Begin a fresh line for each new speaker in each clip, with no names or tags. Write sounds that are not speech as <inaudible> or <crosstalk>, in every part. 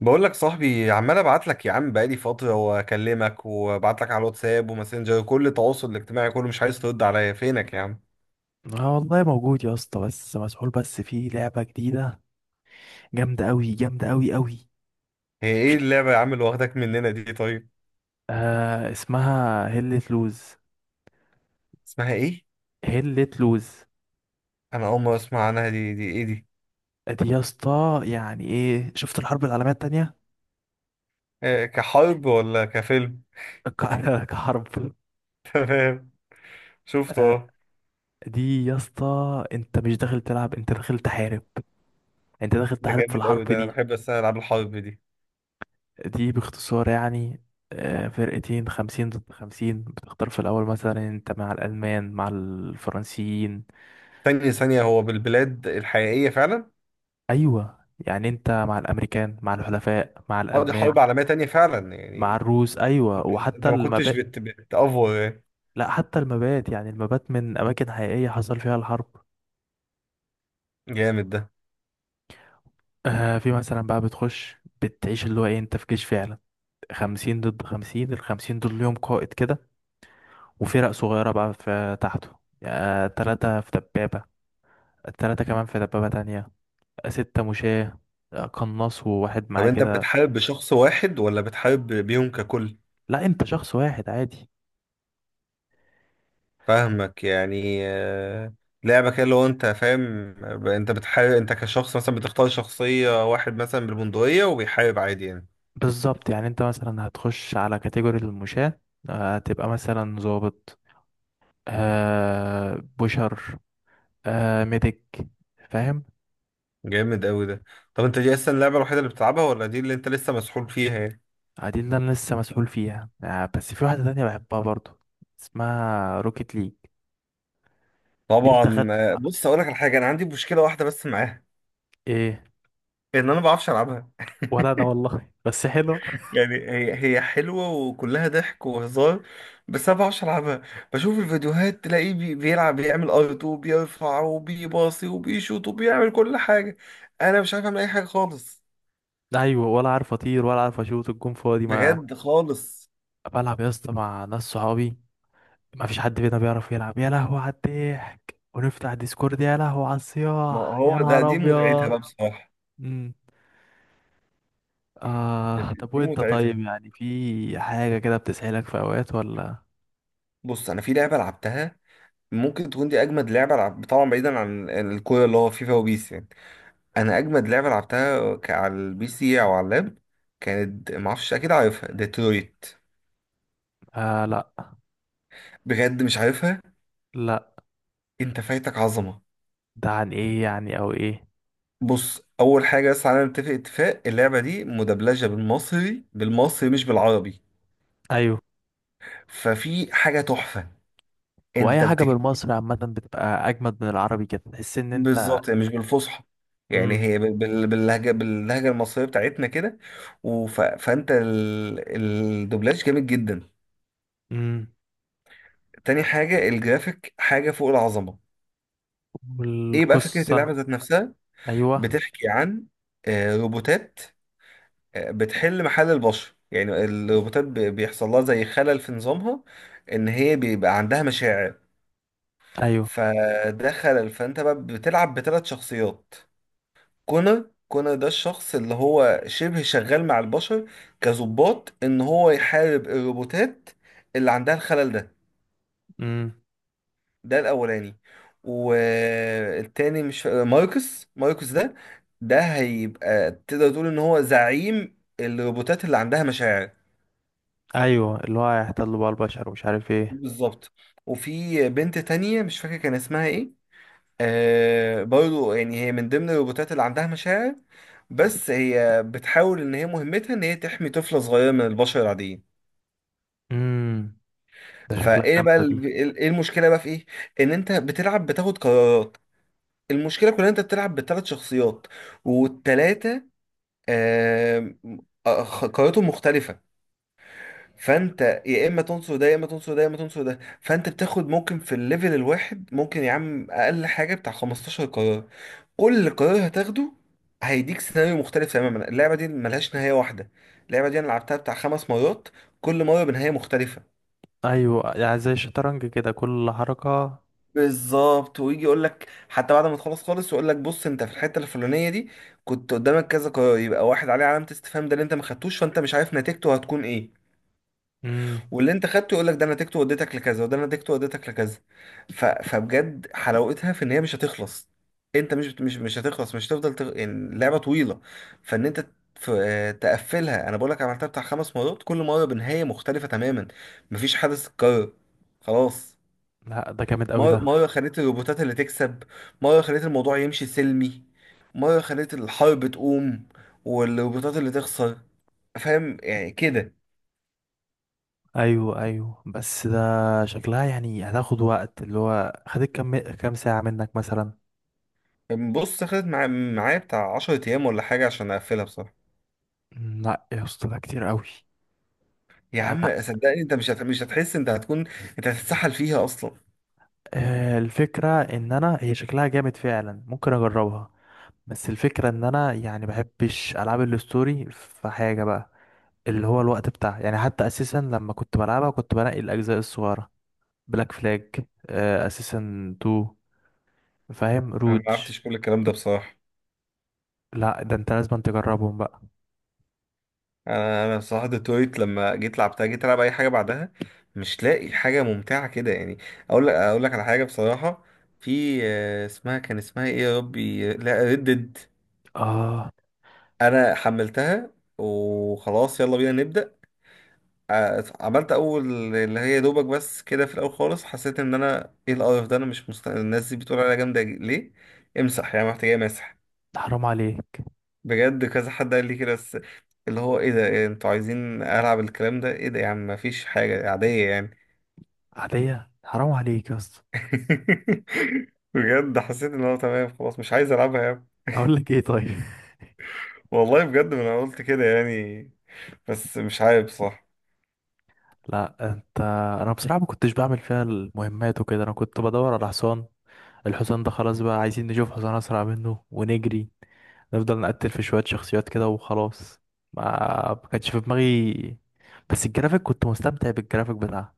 بقول لك صاحبي عمال ابعت لك يا عم، بقالي فتره واكلمك وابعت لك على الواتساب وماسنجر وكل التواصل الاجتماعي كله، مش عايز ترد عليا. فينك يا عم؟
اه والله موجود يا اسطى، بس مسحول. بس في لعبة جديدة جامدة أوي، جامدة أوي أوي.
هي ايه اللعبه يا عم اللي واخداك مننا دي؟ طيب،
آه، اسمها هلة لوز.
اسمها ايه؟
هلة لوز.
انا اول مره اسمع عنها. دي ايه دي؟
دي يا اسطى يعني ايه؟ شفت الحرب العالمية التانية؟
إيه، كحرب ولا كفيلم؟
<laughs> كحرب.
<laughs> تمام. شفته،
آه،
اه.
دي يا اسطى انت مش داخل تلعب، انت داخل تحارب. انت داخل
ده
تحارب في
جامد
الحرب
قوي، ده انا
دي.
بحب بس أنا العاب الحرب دي.
دي باختصار يعني، فرقتين، خمسين ضد خمسين. بتختار في الأول مثلا انت مع الألمان، مع الفرنسيين.
ثانيه ثانيه، هو بالبلاد الحقيقيه فعلا؟
ايوه، يعني انت مع الامريكان، مع الحلفاء، مع
اه، دي
الالمان،
حرب عالميه تانية فعلا
مع
يعني.
الروس. ايوه،
انت, انت
وحتى
أنت ما كنتش
المبات.
بتأفور يعني.
لا، حتى المبات، يعني المبات من اماكن حقيقيه حصل فيها الحرب.
جامد ده.
في مثلا بقى بتخش بتعيش، اللي هو ايه، انت في جيش فعلا. خمسين ضد خمسين. الخمسين دول ليهم قائد كده، وفرق صغيره بقى في تحته. تلاتة في دبابه. التلاتة كمان في دبابه تانية. ستة مشاة. قناص وواحد
طب
معاه
انت
كده.
بتحارب بشخص واحد ولا بتحارب بيهم ككل؟
لا، انت شخص واحد عادي.
فاهمك يعني، آه. لعبة كده لو انت فاهم. انت بتحارب، انت كشخص مثلا بتختار شخصية واحد مثلا بالبندقية وبيحارب عادي يعني.
بالظبط، يعني انت مثلا هتخش على كاتيجوري المشاة. هتبقى مثلا ظابط. بشر. ميديك. فاهم.
جامد قوي ده. طب انت دي اصلا اللعبة الوحيدة اللي بتلعبها، ولا دي اللي انت لسه مسحول فيها يعني؟
دي اللي انا لسه مسؤول فيها. بس في واحدة تانية بحبها برضو. اسمها روكيت ليج. دي انت خد.
طبعا، آه. بص اقول لك على حاجة، انا عندي مشكلة واحدة بس معاها:
ايه؟
ان انا ما بعرفش العبها.
ولا انا
<laughs>
والله، بس حلوة.
يعني هي حلوة وكلها ضحك وهزار، بس أنا بعرفش ألعبها. بشوف الفيديوهات تلاقيه بيلعب، بيعمل أرت وبيرفع وبيباصي وبيشوط وبيعمل كل حاجة. أنا مش عارف أعمل أي حاجة خالص.
ايوه، ولا عارف اطير ولا عارف اشوط الجون فاضي. ما
بجد خالص.
بلعب يا اسطى مع ناس صحابي. ما فيش حد فينا بيعرف يلعب، يا لهوي على الضحك. ونفتح ديسكورد، يا لهوي على
ما
الصياح،
هو
يا
ده،
نهار
دي متعتها
ابيض.
بقى بصراحة.
مم. طب
دي
وانت طيب،
متعتها.
يعني في حاجة كده بتسحلك في اوقات ولا؟
بص أنا في لعبة لعبتها، ممكن تكون دي أجمد لعبة لعب طبعا، بعيدا عن الكورة اللي هو فيفا وبيس يعني. أنا أجمد لعبة لعبتها على البي سي أو على اللاب، كانت معرفش أكيد عارفها، ديترويت.
آه، لا
بجد مش عارفها.
لا.
انت فايتك عظمه.
ده عن ايه يعني، او ايه؟
بص، اول حاجه بس على نتفق اتفاق، اللعبه دي مدبلجه بالمصري، بالمصري مش بالعربي.
ايوه.
ففي حاجه تحفه.
هو اي
انت
حاجة
بتك...
بالمصري عامة بتبقى اجمد من العربي كده، تحس ان انت.
بالظبط يعني مش بالفصحى. يعني
امم.
هي باللهجه المصريه بتاعتنا كده. فانت الدوبلاج جامد جدا.
امم.
تاني حاجه، الجرافيك حاجه فوق العظمه. ايه بقى فكره اللعبه
والقصة.
ذات نفسها؟
ايوه.
بتحكي عن روبوتات بتحل محل البشر. يعني الروبوتات بيحصل لها زي خلل في نظامها، ان هي بيبقى عندها مشاعر.
ايوه.
فده خلل، فانت بقى بتلعب بثلاث شخصيات. كونر، كونر ده الشخص اللي هو شبه شغال مع البشر كظباط، ان هو يحارب الروبوتات اللي عندها الخلل ده.
امم.
ده الاولاني. والتاني، مش ماركوس، ماركوس ده، ده هيبقى تقدر تقول ان هو زعيم الروبوتات اللي عندها مشاعر.
ايوه، اللي هو هيحتلوا بقى البشر ومش عارف ايه.
بالظبط. وفي بنت تانية مش فاكر كان اسمها ايه، آه، برضو يعني هي من ضمن الروبوتات اللي عندها مشاعر، بس هي بتحاول ان هي مهمتها ان هي تحمي طفلة صغيرة من البشر العاديين.
امم. ده شكلها
فايه بقى
جامدة دي.
ايه المشكلة بقى، في ايه؟ ان انت بتلعب بتاخد قرارات. المشكلة كلها إن انت بتلعب بثلاث شخصيات، والتلاتة، آه، آه، قراراتهم مختلفة. فانت يا اما تنصر ده يا اما تنصر ده يا اما تنصر ده، فانت بتاخد ممكن في الليفل الواحد ممكن يا عم اقل حاجه بتاع 15 قرار. كل قرار هتاخده هيديك سيناريو مختلف تماما. اللعبه دي ملهاش نهايه واحده. اللعبه دي انا لعبتها بتاع خمس مرات، كل مره بنهايه مختلفه.
ايوه، يعني زي الشطرنج كده، كل حركة.
بالظبط، ويجي يقول لك حتى بعد ما تخلص خالص، يقول لك بص انت في الحته الفلانيه دي كنت قدامك كذا قرار، يبقى واحد عليه علامه استفهام ده اللي انت ما خدتوش، فانت مش عارف نتيجته هتكون ايه.
امم.
واللي انت خدته يقول لك ده انا نتيجته وديتك لكذا، وده انا نتيجته وديتك لكذا. فبجد حلاوتها في ان هي مش هتخلص. انت مش هتخلص، مش هتفضل يعني اللعبه طويله. فان انت ف... تقفلها. انا بقول لك عملتها بتاع خمس مرات، كل مره بنهايه مختلفه تماما. مفيش حدث اتكرر خلاص.
لا، ده جامد قوي
مره
ده.
مره خليت الروبوتات اللي تكسب، مره خليت الموضوع يمشي سلمي، مره خليت الحرب تقوم والروبوتات اللي تخسر. فاهم يعني كده.
ايوه ايوه، بس ده شكلها يعني هتاخد وقت. اللي هو خدت كام ساعة منك مثلا؟
بص خدت معايا بتاع 10 ايام ولا حاجه عشان اقفلها بصراحه.
لا يا اسطى، ده كتير قوي.
يا
انا،
عم صدقني انت مش هتحس، انت هتكون <laughs> انت هتتسحل فيها اصلا.
الفكرة ان انا هي شكلها جامد فعلا، ممكن اجربها. بس الفكرة ان انا يعني بحبش العاب الستوري في حاجة بقى، اللي هو الوقت بتاعها. يعني حتى اساسا لما كنت بلعبها كنت بنقي الاجزاء الصغيرة، بلاك فلاج اساسا 2، فاهم
انا ما
روج.
عرفتش كل الكلام ده بصراحه.
لا، ده انت لازم تجربهم بقى.
انا بصراحه ديترويت لما جيت لعبتها، جيت العب اي حاجه بعدها مش لاقي حاجه ممتعه كده يعني. اقول لك على حاجه بصراحه: في اسمها، كان اسمها ايه يا ربي؟ لا ردد.
اه،
انا حملتها، وخلاص يلا بينا نبدا. عملت اول اللي هي دوبك بس كده في الاول خالص، حسيت ان انا ايه القرف ده. انا مش مست... الناس دي بتقول عليا جامده ليه؟ امسح، يعني محتاجه مسح.
ده حرام عليك.
بجد كذا حد قال لي كده، بس اللي هو ايه ده، إيه انتوا عايزين العب الكلام ده؟ ايه ده يا عم، مفيش حاجه عاديه يعني.
عادية، حرام عليك يا اسطى.
<laughs> بجد حسيت ان هو تمام خلاص، مش عايز العبها يعني.
اقول لك ايه طيب.
والله بجد، ما انا قلت كده يعني، بس مش عارف صح.
<laughs> لا انت. انا بصراحة ما كنتش بعمل فيها المهمات وكده. انا كنت بدور على حصان. الحصان ده خلاص بقى، عايزين نشوف حصان اسرع منه ونجري، نفضل نقتل في شوية شخصيات كده وخلاص. ما ما كانش في دماغي. بس الجرافيك كنت مستمتع بالجرافيك بتاعها.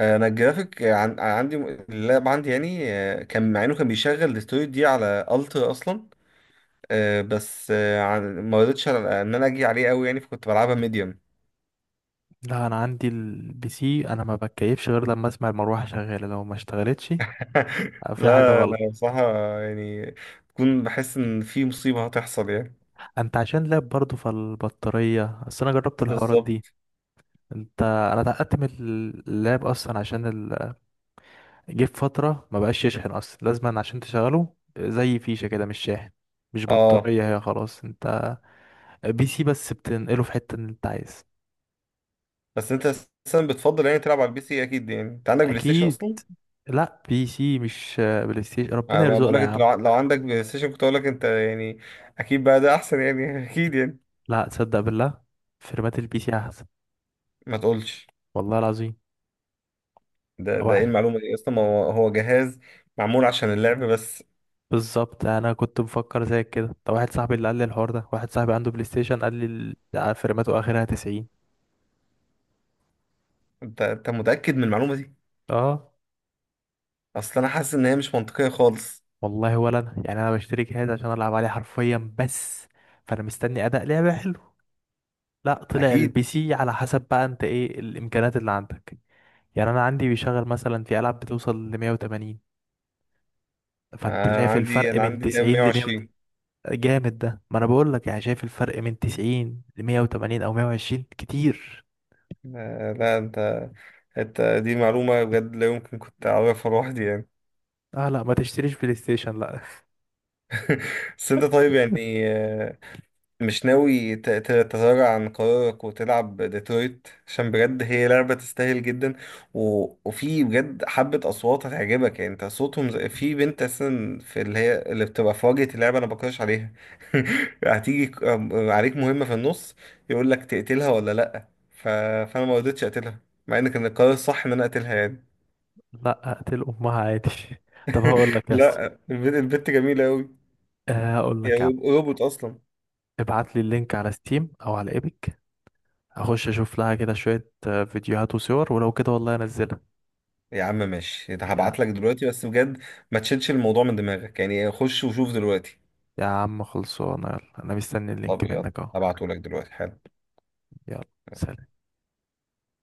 انا الجرافيك عندي، اللاب عندي يعني، آه، كان مع انه كان بيشغل الاستوديو دي على الترا اصلا. آه، بس، آه، ما رضيتش، ان انا اجي عليه قوي يعني، فكنت بلعبها ميديوم.
لا، انا عندي البي سي. انا ما بتكيفش غير لما اسمع المروحة شغالة. لو ما اشتغلتش
<laughs>
في حاجة
لا
غلط.
لا، بصراحة يعني، بكون بحس ان في مصيبة هتحصل يعني.
انت عشان لاب برضه، فالبطارية، اصل انا جربت الحوارات دي.
بالظبط،
انت، انا اتعقدت من اللاب اصلا عشان ال... جه في فتره ما بقاش يشحن اصلا. لازما عشان تشغله زي فيشه كده، مش شاحن، مش
اه.
بطاريه هي. خلاص، انت بي سي بس، بتنقله في حته اللي انت عايز.
بس انت اساسا بتفضل يعني تلعب على البي سي، اكيد يعني، انت عندك بلاي ستيشن
اكيد.
اصلا.
لا، بي سي مش بلاي ستيشن، ربنا
انا ما
يرزقنا
بقولك
يا
انت
عم.
لو عندك بلاي ستيشن كنت اقولك انت يعني. اكيد بقى ده احسن يعني، <laughs> اكيد يعني.
لا تصدق بالله، فرمات البي سي احسن.
ما تقولش.
والله العظيم.
ده ايه
واحد.
المعلومة دي اصلا؟ ما هو جهاز معمول عشان اللعب بس.
بالظبط، انا كنت مفكر زيك كده. طب واحد صاحبي اللي قال لي الحوار ده، واحد صاحبي عنده بلاي ستيشن، قال لي فرماته اخرها 90.
انت متأكد من المعلومة دي؟
اه.
اصل انا حاسس ان هي مش منطقية خالص.
والله ولا انا يعني، انا بشتري جهاز عشان العب عليه حرفيا بس، فانا مستني اداء لعبه حلو. لا، طلع
اكيد.
البي سي على حسب بقى انت ايه الامكانيات اللي عندك. يعني انا عندي بيشغل مثلا في العاب بتوصل ل 180. فانت
آه،
شايف
عندي
الفرق
انا
من
عندي تقريبا
90 ل 100.
120.
جامد ده، ما انا بقول لك يعني، شايف الفرق من 90 ل 180 او 120 كتير.
آه لا انت، انت دي معلومه بجد لا يمكن كنت اعرفها لوحدي يعني.
اه، لا ما تشتريش بلاي ستيشن، لا.
<laughs> بس انت طيب يعني، آه، مش ناوي تتراجع عن قرارك وتلعب ديترويت؟ عشان بجد هي لعبة تستاهل جدا. و... وفي بجد حبة أصوات هتعجبك يعني، انت صوتهم زي... في بنت أساسا في اللي هي اللي بتبقى في واجهة اللعبة، أنا بكرش عليها. <laughs> هتيجي عليك مهمة في النص، يقول لك تقتلها ولا لأ، فأنا ما رضيتش أقتلها، مع إن كان القرار الصح إن أنا أقتلها يعني.
<laughs> لا، اقتل امها عادي. <laughs> طب هقول لك
<laughs>
يا اسطى،
لأ، البنت جميلة أوي،
هقول لك يا
يعني
عم،
روبوت أصلا.
ابعت لي اللينك على ستيم او على ايبك. اخش اشوف لها كده شوية فيديوهات وصور، ولو كده والله انزلها.
يا عم ماشي، ده
يا
هبعت لك دلوقتي، بس بجد ما تشيلش الموضوع من دماغك يعني، خش وشوف دلوقتي.
يا عم خلصانه، يلا انا مستني اللينك
طب يلا،
منك اهو.
هبعته لك دلوقتي حالا.
يلا، سلام.